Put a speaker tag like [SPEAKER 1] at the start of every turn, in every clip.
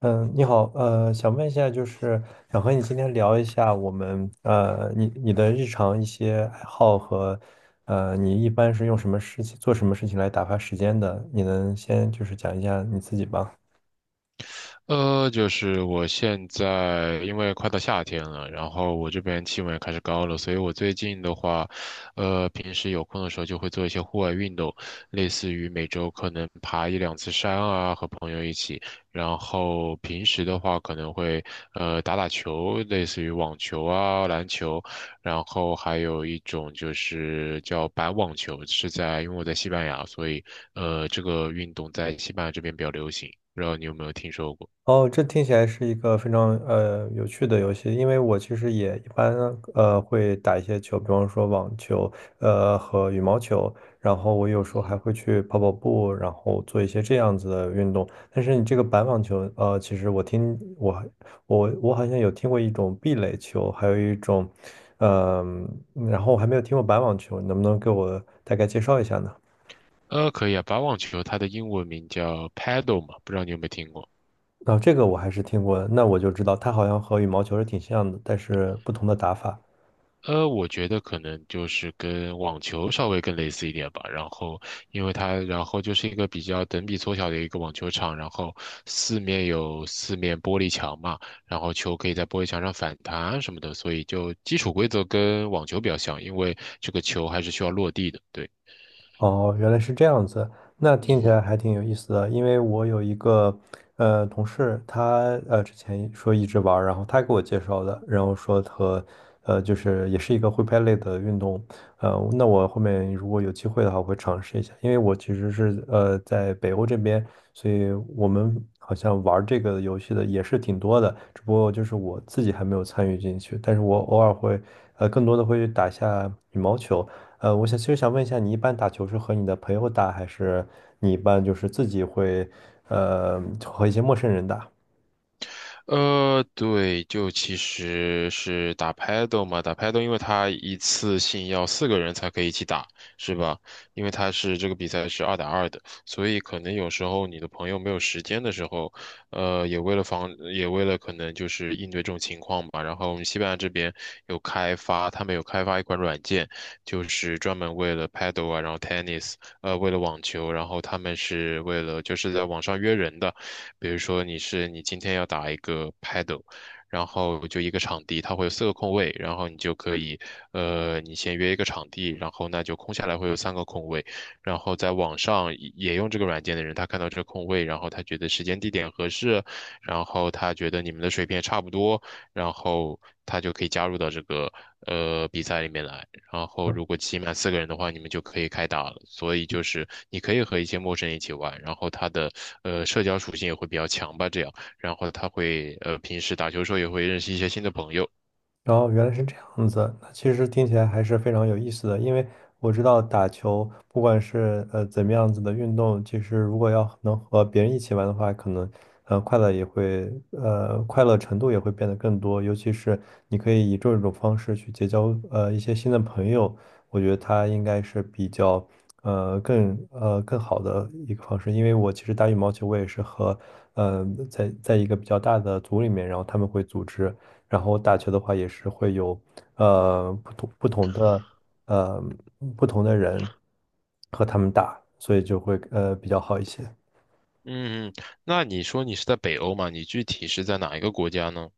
[SPEAKER 1] 嗯，你好，想问一下，就是。想和你今天聊一下我们你的日常一些爱好和你一般是用什么事情做什么事情来打发时间的？你能先就是讲一下你自己吗？
[SPEAKER 2] 就是我现在因为快到夏天了，然后我这边气温也开始高了，所以我最近的话，平时有空的时候就会做一些户外运动，类似于每周可能爬一两次山啊，和朋友一起，然后平时的话可能会打打球，类似于网球啊、篮球，然后还有一种就是叫板网球，是在因为我在西班牙，所以这个运动在西班牙这边比较流行，不知道你有没有听说过？
[SPEAKER 1] 哦，这听起来是一个非常有趣的游戏，因为我其实也一般会打一些球，比方说网球，和羽毛球，然后我有时候还
[SPEAKER 2] 嗯，
[SPEAKER 1] 会去跑跑步，然后做一些这样子的运动。但是你这个板网球，其实我好像有听过一种壁垒球，还有一种，呃然后我还没有听过板网球，你能不能给我大概介绍一下呢？
[SPEAKER 2] 可以啊，把网球它的英文名叫 paddle 嘛，不知道你有没有听过？
[SPEAKER 1] 啊，这个我还是听过的，那我就知道它好像和羽毛球是挺像的，但是不同的打法。
[SPEAKER 2] 我觉得可能就是跟网球稍微更类似一点吧。然后，因为它，然后就是一个比较等比缩小的一个网球场，然后四面有四面玻璃墙嘛，然后球可以在玻璃墙上反弹什么的，所以就基础规则跟网球比较像，因为这个球还是需要落地的。对，
[SPEAKER 1] 哦，原来是这样子，那听起来
[SPEAKER 2] 嗯
[SPEAKER 1] 还挺有意思的。因为我有一个同事，他之前说一直玩儿然后他给我介绍的，然后说和就是也是一个挥拍类的运动，那我后面如果有机会的话，我会尝试一下。因为我其实是在北欧这边，所以我们好像玩儿这个游戏的也是挺多的，只不过就是我自己还没有参与进去，但是我偶尔会更多的会打一下羽毛球。我想其实想问一下，你一般打球是和你的朋友打，还是你一般就是自己会，和一些陌生人打？
[SPEAKER 2] 对，就其实是打 paddle 嘛，打 paddle,因为它一次性要四个人才可以一起打，是吧？因为它是这个比赛是2打2的，所以可能有时候你的朋友没有时间的时候，也为了防，也为了可能就是应对这种情况吧。然后我们西班牙这边有开发，他们有开发一款软件，就是专门为了 paddle 啊，然后 tennis,为了网球，然后他们是为了就是在网上约人的。比如说你是你今天要打一个 paddle,然后就一个场地，它会有4个空位，然后你就可以，你先约一个场地，然后那就空下来会有3个空位，然后在网上也用这个软件的人，他看到这个空位，然后他觉得时间地点合适，然后他觉得你们的水平也差不多，然后他就可以加入到这个比赛里面来。然后如果起码四个人的话，你们就可以开打了。所以就是你可以和一些陌生人一起玩，然后他的社交属性也会比较强吧，这样，然后他会平时打球的时候也会认识一些新的朋友。
[SPEAKER 1] 然后原来是这样子，那其实听起来还是非常有意思的，因为我知道打球，不管是怎么样子的运动，其实如果要能和别人一起玩的话，可能快乐程度也会变得更多，尤其是你可以以这种方式去结交一些新的朋友，我觉得它应该是比较更好的一个方式，因为我其实打羽毛球，我也是和在一个比较大的组里面，然后他们会组织。然后打球的话也是会有呃不同不同的呃不同的人和他们打，所以就会比较好一些。
[SPEAKER 2] 嗯，那你说你是在北欧嘛？你具体是在哪一个国家呢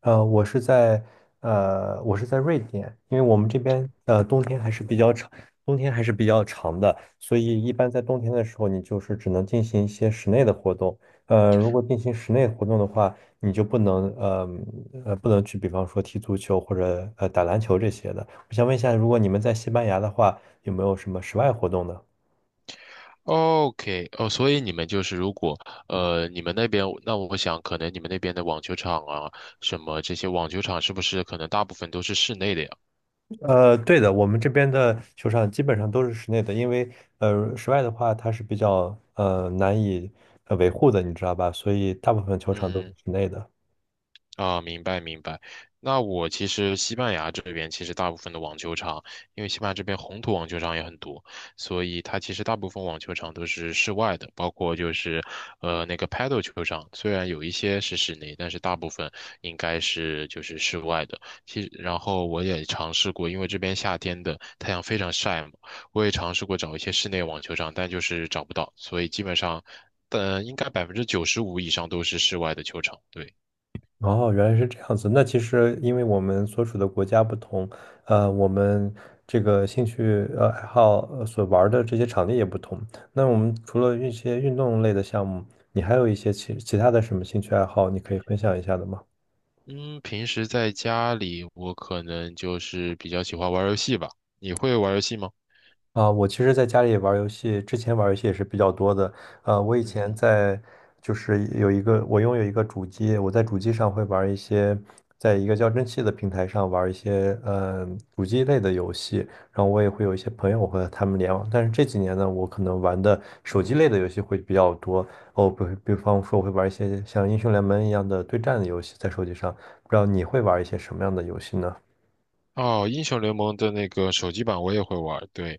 [SPEAKER 1] 呃，我是在我是在瑞典，因为我们这边冬天还是比较长，冬天还是比较长的，所以一般在冬天的时候，你就是只能进行一些室内的活动。如果进行室内活动的话，你就不能去，比方说踢足球或者打篮球这些的。我想问一下，如果你们在西班牙的话，有没有什么室外活动呢？
[SPEAKER 2] ？OK,哦，所以你们就是如果你们那边，那我想可能你们那边的网球场啊，什么这些网球场是不是可能大部分都是室内的呀？
[SPEAKER 1] 对的，我们这边的球场基本上都是室内的，因为室外的话它是比较难以维护的，你知道吧？所以大部分球场都是
[SPEAKER 2] 嗯。
[SPEAKER 1] 室内的。
[SPEAKER 2] 啊，明白明白。那我其实西班牙这边其实大部分的网球场，因为西班牙这边红土网球场也很多，所以它其实大部分网球场都是室外的，包括就是那个 paddle 球场，虽然有一些是室内，但是大部分应该是就是室外的。其实然后我也尝试过，因为这边夏天的太阳非常晒嘛，我也尝试过找一些室内网球场，但就是找不到，所以基本上，但应该95%以上都是室外的球场，对。
[SPEAKER 1] 哦，原来是这样子。那其实因为我们所处的国家不同，我们这个兴趣爱好所玩儿的这些场地也不同。那我们除了一些运动类的项目，你还有一些其他的什么兴趣爱好，你可以分享一下的吗？
[SPEAKER 2] 嗯，平时在家里，我可能就是比较喜欢玩游戏吧。你会玩游戏吗？
[SPEAKER 1] 啊，我其实在家里玩儿游戏，之前玩儿游戏也是比较多的。呃，我以
[SPEAKER 2] 嗯
[SPEAKER 1] 前
[SPEAKER 2] 哼。
[SPEAKER 1] 在就是有一个，我拥有一个主机，我在主机上会玩儿一些，在一个叫蒸汽的平台上玩儿一些，主机类的游戏。然后我也会有一些朋友和他们联网，但是这几年呢，我可能玩的手机类的游戏会比较多。哦，比比方说，我会玩一些像英雄联盟一样的对战的游戏在手机上。不知道你会玩一些什么样的游戏呢？
[SPEAKER 2] 哦，英雄联盟的那个手机版我也会玩对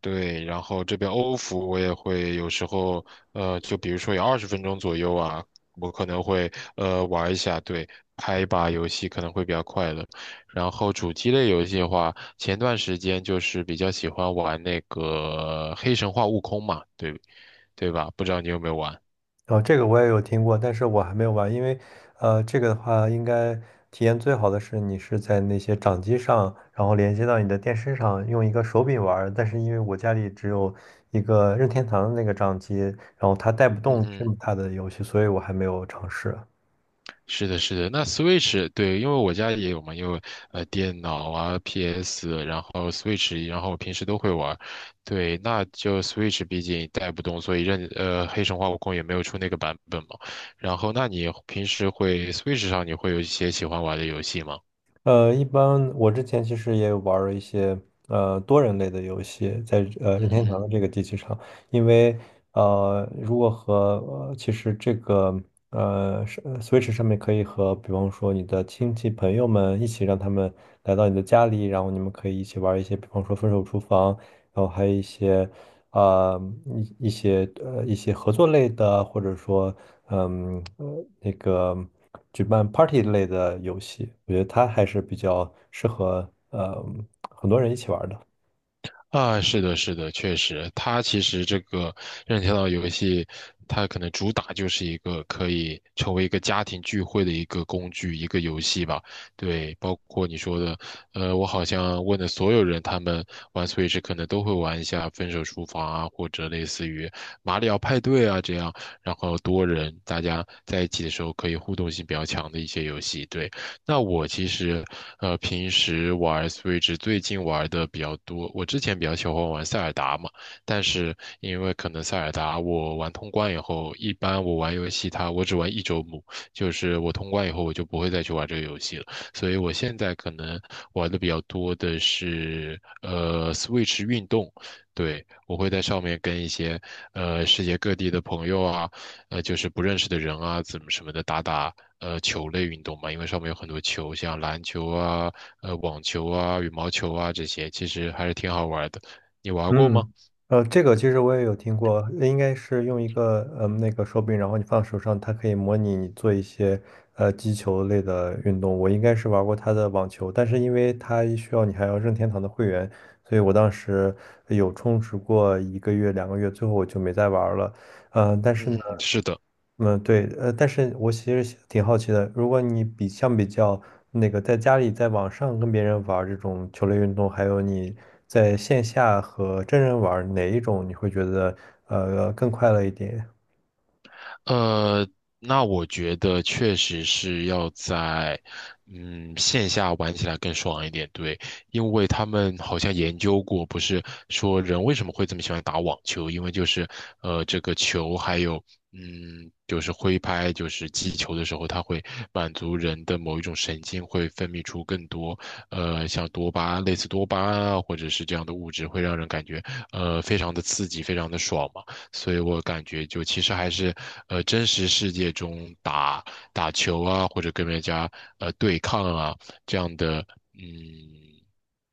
[SPEAKER 2] 对。然后这边欧服我也会，有时候就比如说有20分钟左右啊，我可能会玩一下，对，拍一把游戏可能会比较快乐。然后主机类游戏的话，前段时间就是比较喜欢玩那个《黑神话：悟空》嘛，对对吧？不知道你有没有玩？
[SPEAKER 1] 哦，这个我也有听过，但是我还没有玩，因为，这个的话，应该体验最好的是你是在那些掌机上，然后连接到你的电视上，用一个手柄玩儿。但是因为我家里只有一个任天堂的那个掌机，然后它带不
[SPEAKER 2] 嗯
[SPEAKER 1] 动这么
[SPEAKER 2] 哼。
[SPEAKER 1] 大的游戏，所以我还没有尝试。
[SPEAKER 2] 是的，是的，那 Switch 对，因为我家也有嘛，因为电脑啊、PS,然后 Switch,然后我平时都会玩儿对，那就 Switch 毕竟带不动，所以任黑神话悟空也没有出那个版本嘛。然后，那你平时会 Switch 上你会有一些喜欢玩的游戏吗？
[SPEAKER 1] 一般我之前其实也有玩儿一些多人类的游戏，在任
[SPEAKER 2] 嗯
[SPEAKER 1] 天堂
[SPEAKER 2] 哼。
[SPEAKER 1] 的这个机器上，因为如果和呃其实这个呃是 Switch 上面可以和比方说你的亲戚朋友们一起让他们来到你的家里，然后你们可以一起玩儿一些比方说分手厨房，然后还有一些啊、呃一些合作类的，或者说嗯呃那个举办 party 类的游戏，我觉得它还是比较适合很多人一起玩儿的。
[SPEAKER 2] 啊，是的，是的，确实，它其实这个任天堂游戏，它可能主打就是一个可以成为一个家庭聚会的一个工具，一个游戏吧。对，包括你说的，我好像问的所有人，他们玩 Switch 可能都会玩一下《分手厨房》啊，或者类似于《马里奥派对》啊这样，然后多人大家在一起的时候可以互动性比较强的一些游戏。对，那我其实平时玩 Switch 最近玩的比较多，我之前比较喜欢玩塞尔达嘛，但是因为可能塞尔达我玩通关以后，一般我玩游戏它我只玩一周目，就是我通关以后我就不会再去玩这个游戏了，所以我现在可能玩的比较多的是Switch 运动。对，我会在上面跟一些世界各地的朋友啊，就是不认识的人啊，怎么什么的打打球类运动嘛，因为上面有很多球，像篮球啊、网球啊、羽毛球啊这些，其实还是挺好玩的。你玩过吗？
[SPEAKER 1] 嗯，这个其实我也有听过，应该是用一个那个手柄，然后你放手上，它可以模拟你做一些击球类的运动。我应该是玩过它的网球，但是因为它需要你还要任天堂的会员，所以我当时有充值过一个月、两个月，最后我就没再玩了。嗯、但是呢。
[SPEAKER 2] 嗯嗯，是的。
[SPEAKER 1] 嗯，对，但是我其实挺好奇的，如果你比相比较那个在家里在网上跟别人玩儿这种球类运动，还有你在线下和真人玩儿哪一种你会觉得更快乐一点？
[SPEAKER 2] 呃，那我觉得确实是要在，嗯，线下玩起来更爽一点，对，因为他们好像研究过，不是说人为什么会这么喜欢打网球，因为就是，这个球还有，嗯，就是挥拍，就是击球的时候，它会满足人的某一种神经，会分泌出更多，像多巴，类似多巴胺啊，或者是这样的物质，会让人感觉，非常的刺激，非常的爽嘛。所以我感觉就其实还是，真实世界中打打球啊，或者跟人家对抗啊这样的，嗯，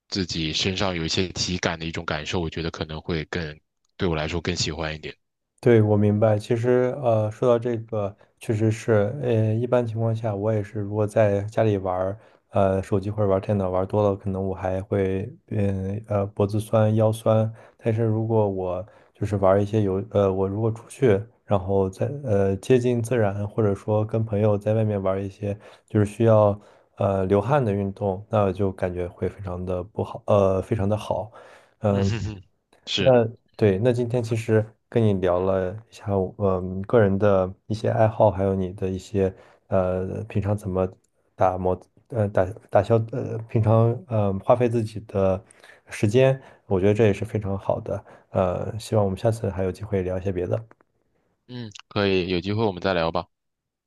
[SPEAKER 2] 自己身上有一些体感的一种感受，我觉得可能会更，对我来说更喜欢一点。
[SPEAKER 1] 对，我明白。其实，说到这个，确实是，一般情况下，我也是，如果在家里玩儿，手机或者玩儿电脑玩儿多了，可能我还会，脖子酸、腰酸。但是如果我就是玩儿一些游，呃，我如果出去，然后在，接近自然，或者说跟朋友在外面玩儿一些就是需要，流汗的运动，那就感觉会非常的不好，呃，非常的好。
[SPEAKER 2] 嗯
[SPEAKER 1] 嗯。
[SPEAKER 2] 哼哼，是，
[SPEAKER 1] 那对，那今天其实跟你聊了一下我，嗯，个人的一些爱好，还有你的一些平常怎么打磨，呃，打打消，平常花费自己的时间，我觉得这也是非常好的。希望我们下次还有机会聊一些别的。
[SPEAKER 2] 嗯，可以，有机会我们再聊吧。